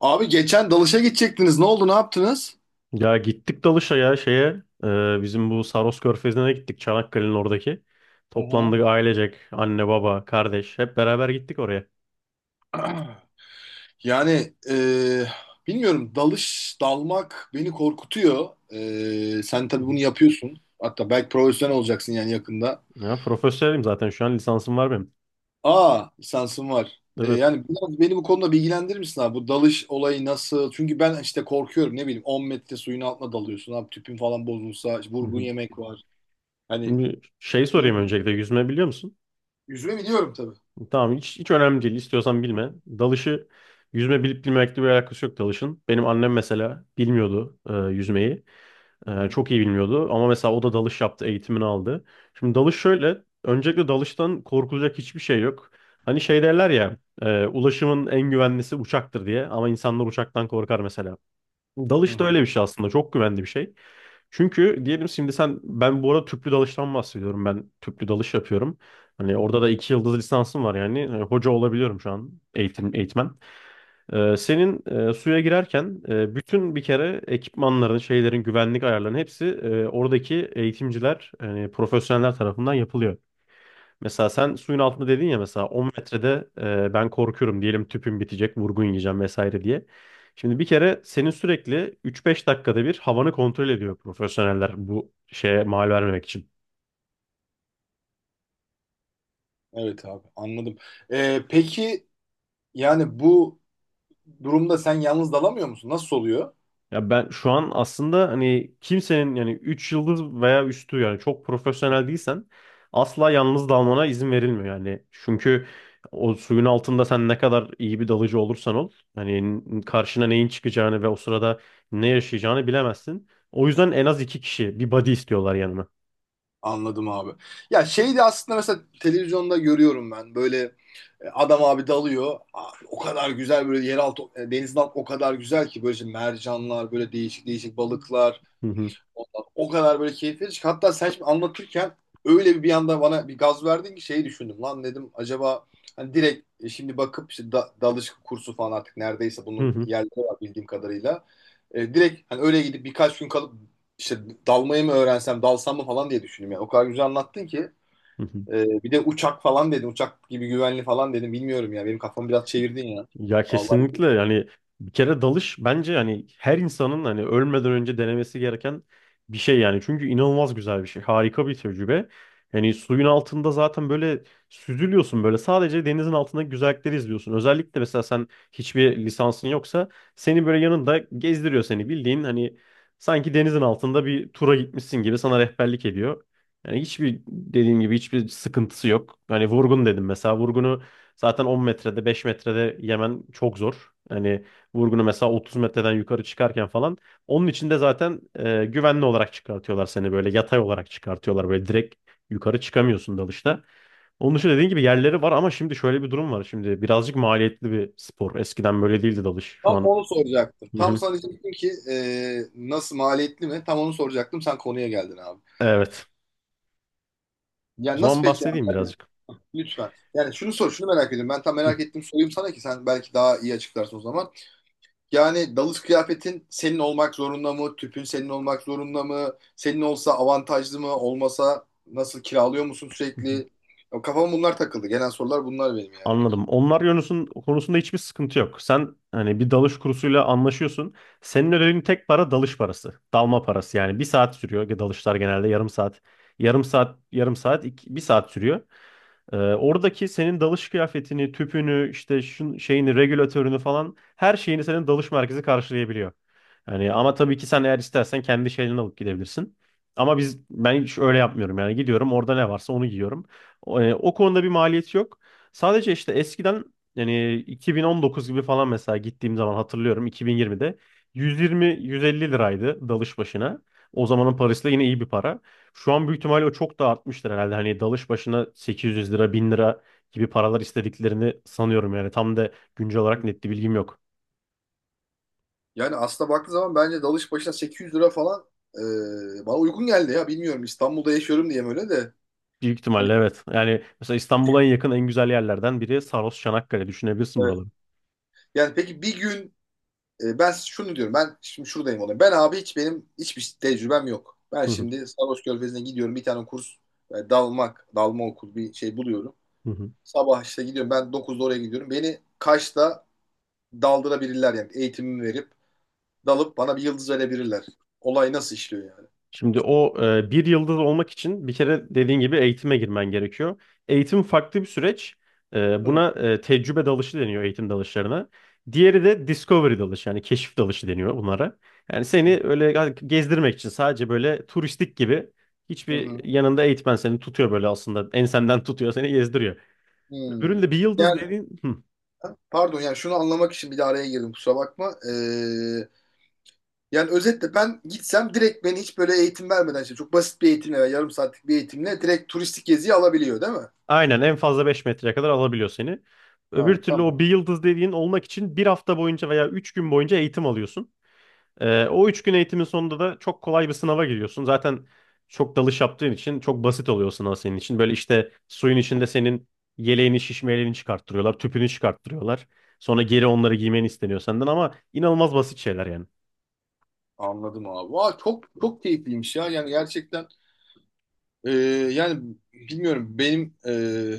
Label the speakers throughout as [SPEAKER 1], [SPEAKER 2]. [SPEAKER 1] Abi geçen dalışa gidecektiniz. Ne oldu? Ne yaptınız?
[SPEAKER 2] Ya gittik dalışa ya bizim bu Saros Körfezi'ne gittik, Çanakkale'nin oradaki.
[SPEAKER 1] Hı hı.
[SPEAKER 2] Toplandık ailecek, anne baba kardeş hep beraber gittik oraya.
[SPEAKER 1] Yani bilmiyorum. Dalış, dalmak beni korkutuyor. Sen
[SPEAKER 2] Hı
[SPEAKER 1] tabii bunu
[SPEAKER 2] hı.
[SPEAKER 1] yapıyorsun. Hatta belki profesyonel olacaksın yani yakında.
[SPEAKER 2] Ya profesyonelim zaten, şu an lisansım var benim.
[SPEAKER 1] Aa, lisansın var.
[SPEAKER 2] Evet.
[SPEAKER 1] Yani biraz beni bu konuda bilgilendirir misin abi? Bu dalış olayı nasıl? Çünkü ben işte korkuyorum. Ne bileyim 10 metre suyun altına dalıyorsun. Abi tüpün falan bozulsa, işte
[SPEAKER 2] Hı
[SPEAKER 1] vurgun
[SPEAKER 2] hı.
[SPEAKER 1] yemek var. Hani
[SPEAKER 2] Şimdi şey sorayım,
[SPEAKER 1] bilmiyorum.
[SPEAKER 2] öncelikle yüzme biliyor musun?
[SPEAKER 1] Yüzme biliyorum tabii.
[SPEAKER 2] Tamam, hiç önemli değil, istiyorsan bilme. Dalışı yüzme bilip bilmemekle bir alakası yok dalışın. Benim annem mesela bilmiyordu yüzmeyi.
[SPEAKER 1] Hı hı.
[SPEAKER 2] Çok iyi bilmiyordu ama mesela o da dalış yaptı, eğitimini aldı. Şimdi dalış şöyle, öncelikle dalıştan korkulacak hiçbir şey yok. Hani şey derler ya, ulaşımın en güvenlisi uçaktır diye, ama insanlar uçaktan korkar mesela.
[SPEAKER 1] Hı
[SPEAKER 2] Dalış da
[SPEAKER 1] hı.
[SPEAKER 2] öyle bir şey aslında, çok güvenli bir şey. Çünkü diyelim şimdi sen, ben bu arada tüplü dalıştan bahsediyorum, ben tüplü dalış yapıyorum. Hani
[SPEAKER 1] Hı
[SPEAKER 2] orada
[SPEAKER 1] hı.
[SPEAKER 2] da iki yıldız lisansım var yani, hoca olabiliyorum şu an, eğitmen. Senin suya girerken bütün bir kere ekipmanların, şeylerin, güvenlik ayarlarının hepsi oradaki eğitimciler, profesyoneller tarafından yapılıyor. Mesela sen suyun altında dedin ya, mesela 10 metrede ben korkuyorum diyelim, tüpüm bitecek, vurgun yiyeceğim vesaire diye. Şimdi bir kere senin sürekli 3-5 dakikada bir havanı kontrol ediyor profesyoneller, bu şeye mal vermemek için.
[SPEAKER 1] Evet abi anladım. Peki yani bu durumda sen yalnız dalamıyor musun? Nasıl oluyor?
[SPEAKER 2] Ya ben şu an aslında hani kimsenin, yani 3 yıldız veya üstü, yani çok profesyonel değilsen asla yalnız dalmana izin verilmiyor yani. Çünkü o suyun altında sen ne kadar iyi bir dalıcı olursan ol, hani karşına neyin çıkacağını ve o sırada ne yaşayacağını bilemezsin. O yüzden en az iki kişi, bir buddy istiyorlar yanıma.
[SPEAKER 1] Anladım abi. Ya şey de aslında mesela televizyonda görüyorum ben böyle adam abi dalıyor. Aa, o kadar güzel böyle yeraltı, denizin altı o kadar güzel ki böyle işte mercanlar böyle değişik değişik balıklar.
[SPEAKER 2] Hı hı.
[SPEAKER 1] O kadar böyle keyifli. Hatta sen şimdi anlatırken öyle bir anda bana bir gaz verdin ki şeyi düşündüm. Lan dedim acaba hani direkt, şimdi bakıp işte dalış kursu falan artık neredeyse
[SPEAKER 2] Hı
[SPEAKER 1] bunun
[SPEAKER 2] hı.
[SPEAKER 1] yerleri var bildiğim kadarıyla. Direkt hani öyle gidip birkaç gün kalıp işte dalmayı mı öğrensem, dalsam mı falan diye düşündüm. Yani o kadar güzel anlattın ki.
[SPEAKER 2] Hı hı.
[SPEAKER 1] E, Bir de uçak falan dedim. Uçak gibi güvenli falan dedim. Bilmiyorum ya. Benim kafamı biraz çevirdin ya.
[SPEAKER 2] Ya
[SPEAKER 1] Allah.
[SPEAKER 2] kesinlikle yani, bir kere dalış bence yani her insanın hani ölmeden önce denemesi gereken bir şey yani. Çünkü inanılmaz güzel bir şey. Harika bir tecrübe. Yani suyun altında zaten böyle süzülüyorsun, böyle sadece denizin altındaki güzellikleri izliyorsun. Özellikle mesela sen hiçbir lisansın yoksa seni böyle yanında gezdiriyor, seni bildiğin hani sanki denizin altında bir tura gitmişsin gibi sana rehberlik ediyor. Yani hiçbir dediğim gibi hiçbir sıkıntısı yok. Hani vurgun dedim mesela, vurgunu zaten 10 metrede 5 metrede yemen çok zor. Hani vurgunu mesela 30 metreden yukarı çıkarken falan. Onun için de zaten güvenli olarak çıkartıyorlar seni, böyle yatay olarak çıkartıyorlar. Böyle direkt yukarı çıkamıyorsun dalışta. Onun için dediğin gibi yerleri var, ama şimdi şöyle bir durum var. Şimdi birazcık maliyetli bir spor. Eskiden böyle değildi dalış. Şu
[SPEAKER 1] Tam
[SPEAKER 2] an.
[SPEAKER 1] onu soracaktım.
[SPEAKER 2] Hı
[SPEAKER 1] Tam
[SPEAKER 2] hı.
[SPEAKER 1] sana diyecektim ki nasıl, maliyetli mi? Tam onu soracaktım. Sen konuya geldin abi.
[SPEAKER 2] Evet. O
[SPEAKER 1] Yani nasıl
[SPEAKER 2] zaman
[SPEAKER 1] peki abi?
[SPEAKER 2] bahsedeyim
[SPEAKER 1] Yani
[SPEAKER 2] birazcık.
[SPEAKER 1] lütfen. Yani şunu sor, şunu merak ediyorum. Ben tam
[SPEAKER 2] Hı.
[SPEAKER 1] merak ettim sorayım sana ki sen belki daha iyi açıklarsın o zaman. Yani dalış kıyafetin senin olmak zorunda mı? Tüpün senin olmak zorunda mı? Senin olsa avantajlı mı? Olmasa nasıl, kiralıyor musun
[SPEAKER 2] Hı.
[SPEAKER 1] sürekli? Ya, kafama bunlar takıldı. Gelen sorular bunlar benim yani ilk.
[SPEAKER 2] Anladım. Onlar yönüsün konusunda hiçbir sıkıntı yok. Sen hani bir dalış kursuyla anlaşıyorsun. Senin ödediğin tek para dalış parası. Dalma parası yani. Bir saat sürüyor. Dalışlar genelde yarım saat. Yarım saat, yarım saat, iki, bir saat sürüyor. Oradaki senin dalış kıyafetini, tüpünü, işte şeyini, regülatörünü falan her şeyini senin dalış merkezi karşılayabiliyor. Yani
[SPEAKER 1] Hı
[SPEAKER 2] ama
[SPEAKER 1] hı.
[SPEAKER 2] tabii ki sen eğer istersen kendi şeylerini alıp gidebilirsin. Ama ben hiç öyle yapmıyorum yani, gidiyorum orada ne varsa onu giyiyorum. O konuda bir maliyeti yok. Sadece işte eskiden yani 2019 gibi falan, mesela gittiğim zaman hatırlıyorum, 2020'de 120-150 liraydı dalış başına. O zamanın parasıyla yine iyi bir para. Şu an büyük ihtimalle o çok da artmıştır herhalde. Hani dalış başına 800 lira 1000 lira gibi paralar istediklerini sanıyorum yani. Tam da güncel olarak net bir bilgim yok.
[SPEAKER 1] Yani aslında baktığı zaman bence dalış başına 800 lira falan bana uygun geldi ya. Bilmiyorum, İstanbul'da yaşıyorum diye mi öyle de.
[SPEAKER 2] Büyük
[SPEAKER 1] Hani.
[SPEAKER 2] ihtimalle evet. Yani mesela İstanbul'a en yakın en güzel yerlerden biri Saros, Çanakkale. Düşünebilirsin
[SPEAKER 1] Evet.
[SPEAKER 2] buraları.
[SPEAKER 1] Yani peki bir gün ben şunu diyorum. Ben şimdi şuradayım olayım. Ben abi hiç, benim hiçbir tecrübem yok. Ben
[SPEAKER 2] Hı hı.
[SPEAKER 1] şimdi Sarhoş Körfezi'ne gidiyorum. Bir tane kurs, dalma okul bir şey buluyorum.
[SPEAKER 2] Hı hı.
[SPEAKER 1] Sabah işte gidiyorum. Ben 9'da oraya gidiyorum. Beni Kaş'ta daldırabilirler yani, eğitimimi verip dalıp bana bir yıldız verebilirler. Olay nasıl işliyor yani?
[SPEAKER 2] Şimdi bir yıldız olmak için bir kere dediğin gibi eğitime girmen gerekiyor. Eğitim farklı bir süreç.
[SPEAKER 1] Hı
[SPEAKER 2] Buna tecrübe dalışı deniyor, eğitim dalışlarına. Diğeri de discovery dalışı yani keşif dalışı deniyor bunlara. Yani
[SPEAKER 1] hı.
[SPEAKER 2] seni öyle gezdirmek için sadece böyle turistik gibi,
[SPEAKER 1] Hı
[SPEAKER 2] hiçbir
[SPEAKER 1] hı.
[SPEAKER 2] yanında eğitmen seni tutuyor böyle aslında ensenden tutuyor, seni gezdiriyor. Öbüründe bir yıldız
[SPEAKER 1] Yani,
[SPEAKER 2] dediğin, hı,
[SPEAKER 1] pardon, yani şunu anlamak için bir de araya girdim, kusura bakma. Yani özetle ben gitsem direkt beni hiç böyle eğitim vermeden, işte çok basit bir eğitimle veya yarım saatlik bir eğitimle direkt turistik geziyi alabiliyor değil mi?
[SPEAKER 2] aynen, en fazla beş metreye kadar alabiliyor seni.
[SPEAKER 1] Ha,
[SPEAKER 2] Öbür türlü
[SPEAKER 1] tamam.
[SPEAKER 2] o bir yıldız dediğin olmak için bir hafta boyunca veya 3 gün boyunca eğitim alıyorsun. O üç gün eğitimin sonunda da çok kolay bir sınava giriyorsun. Zaten çok dalış yaptığın için çok basit oluyor sınav senin için. Böyle işte suyun içinde senin yeleğini, şişmelerini çıkarttırıyorlar, tüpünü çıkarttırıyorlar. Sonra geri onları giymen isteniyor senden, ama inanılmaz basit şeyler yani.
[SPEAKER 1] Anladım abi. Vay, çok çok keyifliymiş ya. Yani gerçekten ee, yani bilmiyorum benim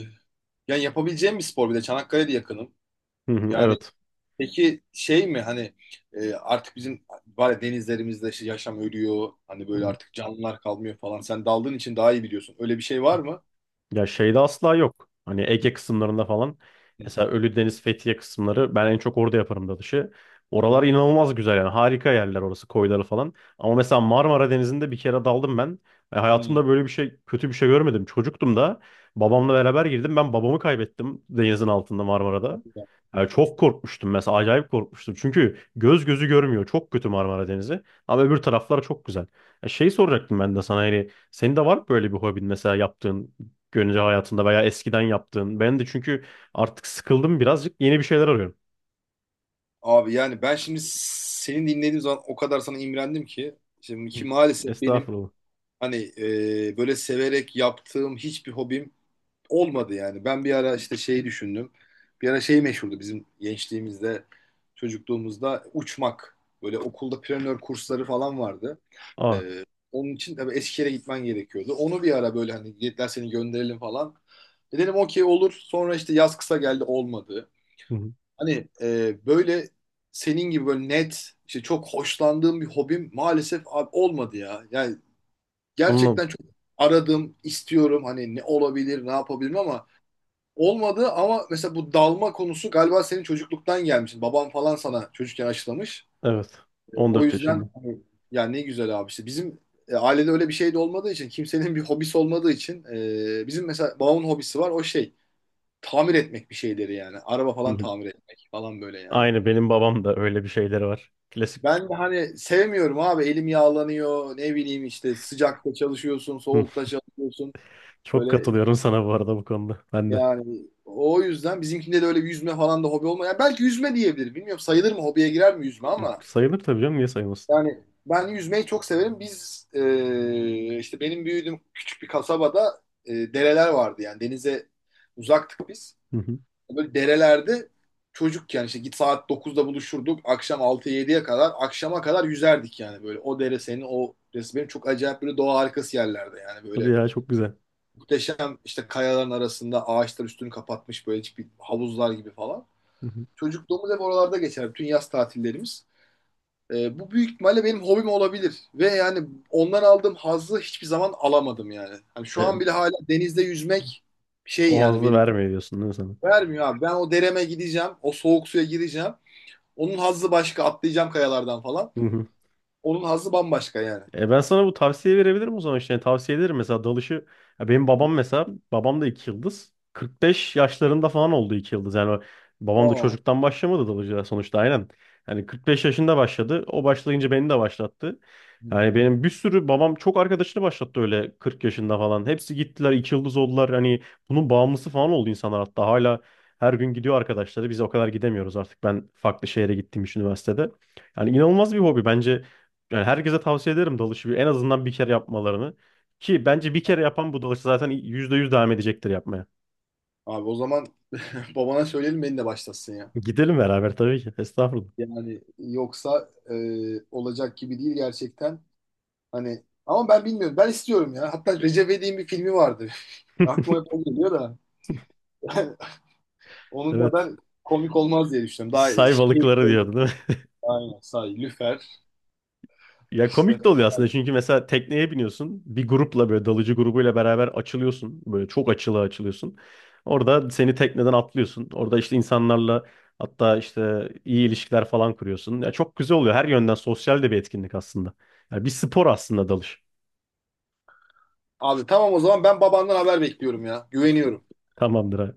[SPEAKER 1] yani yapabileceğim bir spor, bir de Çanakkale'de yakınım.
[SPEAKER 2] Hı hı,
[SPEAKER 1] Yani
[SPEAKER 2] evet.
[SPEAKER 1] peki, şey mi hani artık bizim, var ya, denizlerimizde işte yaşam ölüyor. Hani
[SPEAKER 2] Hı
[SPEAKER 1] böyle
[SPEAKER 2] hı.
[SPEAKER 1] artık canlılar kalmıyor falan. Sen daldığın için daha iyi biliyorsun. Öyle bir şey var mı?
[SPEAKER 2] Ya şeyde asla yok. Hani Ege kısımlarında falan. Mesela Ölüdeniz, Fethiye kısımları ben en çok orada yaparım dalışı.
[SPEAKER 1] Hı
[SPEAKER 2] Oralar
[SPEAKER 1] hı.
[SPEAKER 2] inanılmaz güzel yani. Harika yerler orası, koyları falan. Ama mesela Marmara Denizi'nde bir kere daldım ben.
[SPEAKER 1] Hı.
[SPEAKER 2] Hayatımda kötü bir şey görmedim. Çocuktum da, babamla beraber girdim. Ben babamı kaybettim denizin altında Marmara'da.
[SPEAKER 1] Hadi ya.
[SPEAKER 2] Yani çok korkmuştum mesela, acayip korkmuştum. Çünkü göz gözü görmüyor. Çok kötü Marmara Denizi. Ama öbür taraflar çok güzel. Ya şey soracaktım ben de sana, hani senin de var mı böyle bir hobin mesela, yaptığın güncel hayatında veya eskiden yaptığın? Ben de çünkü artık sıkıldım birazcık, yeni bir şeyler arıyorum.
[SPEAKER 1] Abi yani ben şimdi seni dinlediğim zaman o kadar sana imrendim ki. Şimdi
[SPEAKER 2] Hı.
[SPEAKER 1] ki maalesef benim
[SPEAKER 2] Estağfurullah.
[SPEAKER 1] hani böyle severek yaptığım hiçbir hobim olmadı yani. Ben bir ara işte şeyi düşündüm. Bir ara şey meşhurdu bizim gençliğimizde, çocukluğumuzda: uçmak. Böyle okulda planör kursları falan vardı.
[SPEAKER 2] Aa,
[SPEAKER 1] Ee, Onun için tabii Eskişehir'e gitmen gerekiyordu. Onu bir ara böyle hani dediler, seni gönderelim falan. Dedim okey, olur. Sonra işte yaz kısa geldi, olmadı.
[SPEAKER 2] hı hı.
[SPEAKER 1] Hani böyle senin gibi böyle net, işte çok hoşlandığım bir hobim maalesef abi olmadı ya. Yani
[SPEAKER 2] Anladım.
[SPEAKER 1] gerçekten çok aradım, istiyorum hani ne olabilir, ne yapabilirim, ama olmadı. Ama mesela bu dalma konusu galiba senin çocukluktan gelmiş. Baban falan sana çocukken aşılamış.
[SPEAKER 2] Evet.
[SPEAKER 1] O
[SPEAKER 2] 14
[SPEAKER 1] yüzden
[SPEAKER 2] yaşında.
[SPEAKER 1] hani, ya ne güzel abi, işte bizim ailede öyle bir şey de olmadığı için, kimsenin bir hobisi olmadığı için, bizim mesela babamın hobisi var, o şey, tamir etmek bir şeyleri yani. Araba
[SPEAKER 2] Hı
[SPEAKER 1] falan
[SPEAKER 2] hı.
[SPEAKER 1] tamir etmek falan, böyle yani.
[SPEAKER 2] Aynı benim babam da öyle bir şeyleri var. Klasik.
[SPEAKER 1] Ben de hani sevmiyorum abi, elim yağlanıyor, ne bileyim işte sıcakta çalışıyorsun,
[SPEAKER 2] Hı.
[SPEAKER 1] soğukta çalışıyorsun.
[SPEAKER 2] Çok
[SPEAKER 1] Böyle.
[SPEAKER 2] katılıyorum sana bu arada bu konuda. Ben de.
[SPEAKER 1] Yani o yüzden bizimkinde de öyle, bir yüzme falan da hobi olmuyor. Yani belki yüzme diyebilir. Bilmiyorum, sayılır mı, hobiye girer mi yüzme, ama
[SPEAKER 2] Sayılır tabii canım, niye sayılmasın?
[SPEAKER 1] yani ben yüzmeyi çok severim. Biz işte benim büyüdüğüm küçük bir kasabada dereler vardı yani, denize uzaktık biz.
[SPEAKER 2] Hı hı.
[SPEAKER 1] Böyle derelerde çocukken işte git saat 9'da buluşurduk. Akşam altı 7ye kadar, akşama kadar yüzerdik yani böyle. O dere senin o resmen çok acayip, böyle doğa harikası yerlerde yani
[SPEAKER 2] Hadi
[SPEAKER 1] böyle.
[SPEAKER 2] ya, çok güzel.
[SPEAKER 1] Muhteşem, işte kayaların arasında ağaçlar üstünü kapatmış, böyle hiçbir, havuzlar gibi falan.
[SPEAKER 2] Hı hı.
[SPEAKER 1] Çocukluğumuz hep oralarda geçer. Bütün yaz tatillerimiz. Bu büyük ihtimalle benim hobim olabilir. Ve yani ondan aldığım hazzı hiçbir zaman alamadım yani. Hani şu an
[SPEAKER 2] E,
[SPEAKER 1] bile hala denizde yüzmek şey
[SPEAKER 2] O
[SPEAKER 1] yani
[SPEAKER 2] hazzı
[SPEAKER 1] benim.
[SPEAKER 2] vermiyor diyorsun değil mi sana?
[SPEAKER 1] Vermiyor abi. Ben o dereme gideceğim. O soğuk suya gireceğim. Onun hazzı başka. Atlayacağım kayalardan falan. Onun hazzı bambaşka yani.
[SPEAKER 2] E, ben sana bu tavsiye verebilirim o zaman işte. Yani tavsiye ederim mesela dalışı. Ya benim babam, mesela babam da iki yıldız. 45 yaşlarında falan oldu iki yıldız. Yani babam da
[SPEAKER 1] Aa.
[SPEAKER 2] çocuktan başlamadı dalıcıya sonuçta, aynen. Yani 45 yaşında başladı. O başlayınca beni de başlattı.
[SPEAKER 1] Hı
[SPEAKER 2] Yani
[SPEAKER 1] hı.
[SPEAKER 2] benim bir sürü babam çok arkadaşını başlattı öyle 40 yaşında falan. Hepsi gittiler iki yıldız oldular. Hani bunun bağımlısı falan oldu insanlar, hatta hala her gün gidiyor arkadaşları. Biz o kadar gidemiyoruz artık. Ben farklı şehre gittiğim için üniversitede. Yani inanılmaz bir hobi bence. Yani herkese tavsiye ederim dalışı en azından bir kere yapmalarını. Ki bence bir kere yapan bu dalışı zaten %100 devam edecektir yapmaya.
[SPEAKER 1] Abi o zaman babana söyleyelim, beni de başlasın ya.
[SPEAKER 2] Gidelim beraber tabii ki. Estağfurullah.
[SPEAKER 1] Yani yoksa olacak gibi değil gerçekten. Hani ama ben bilmiyorum. Ben istiyorum ya. Hatta Recep İvedik'in bir filmi vardı. Aklıma hep o geliyor da. Onun kadar
[SPEAKER 2] Evet.
[SPEAKER 1] komik olmaz diye düşünüyorum. Daha
[SPEAKER 2] Say
[SPEAKER 1] keyifli
[SPEAKER 2] balıkları
[SPEAKER 1] olur.
[SPEAKER 2] diyordu değil mi?
[SPEAKER 1] Aynen. Say, lüfer.
[SPEAKER 2] Ya
[SPEAKER 1] İşte.
[SPEAKER 2] komik de oluyor aslında, çünkü mesela tekneye biniyorsun. Bir grupla böyle, dalıcı grubuyla beraber açılıyorsun. Böyle çok açıla açılıyorsun. Orada seni tekneden atlıyorsun. Orada işte insanlarla, hatta işte iyi ilişkiler falan kuruyorsun. Ya çok güzel oluyor. Her yönden sosyal de bir etkinlik aslında. Ya bir spor aslında dalış.
[SPEAKER 1] Abi tamam, o zaman ben babandan haber bekliyorum ya. Güveniyorum.
[SPEAKER 2] Tamamdır abi.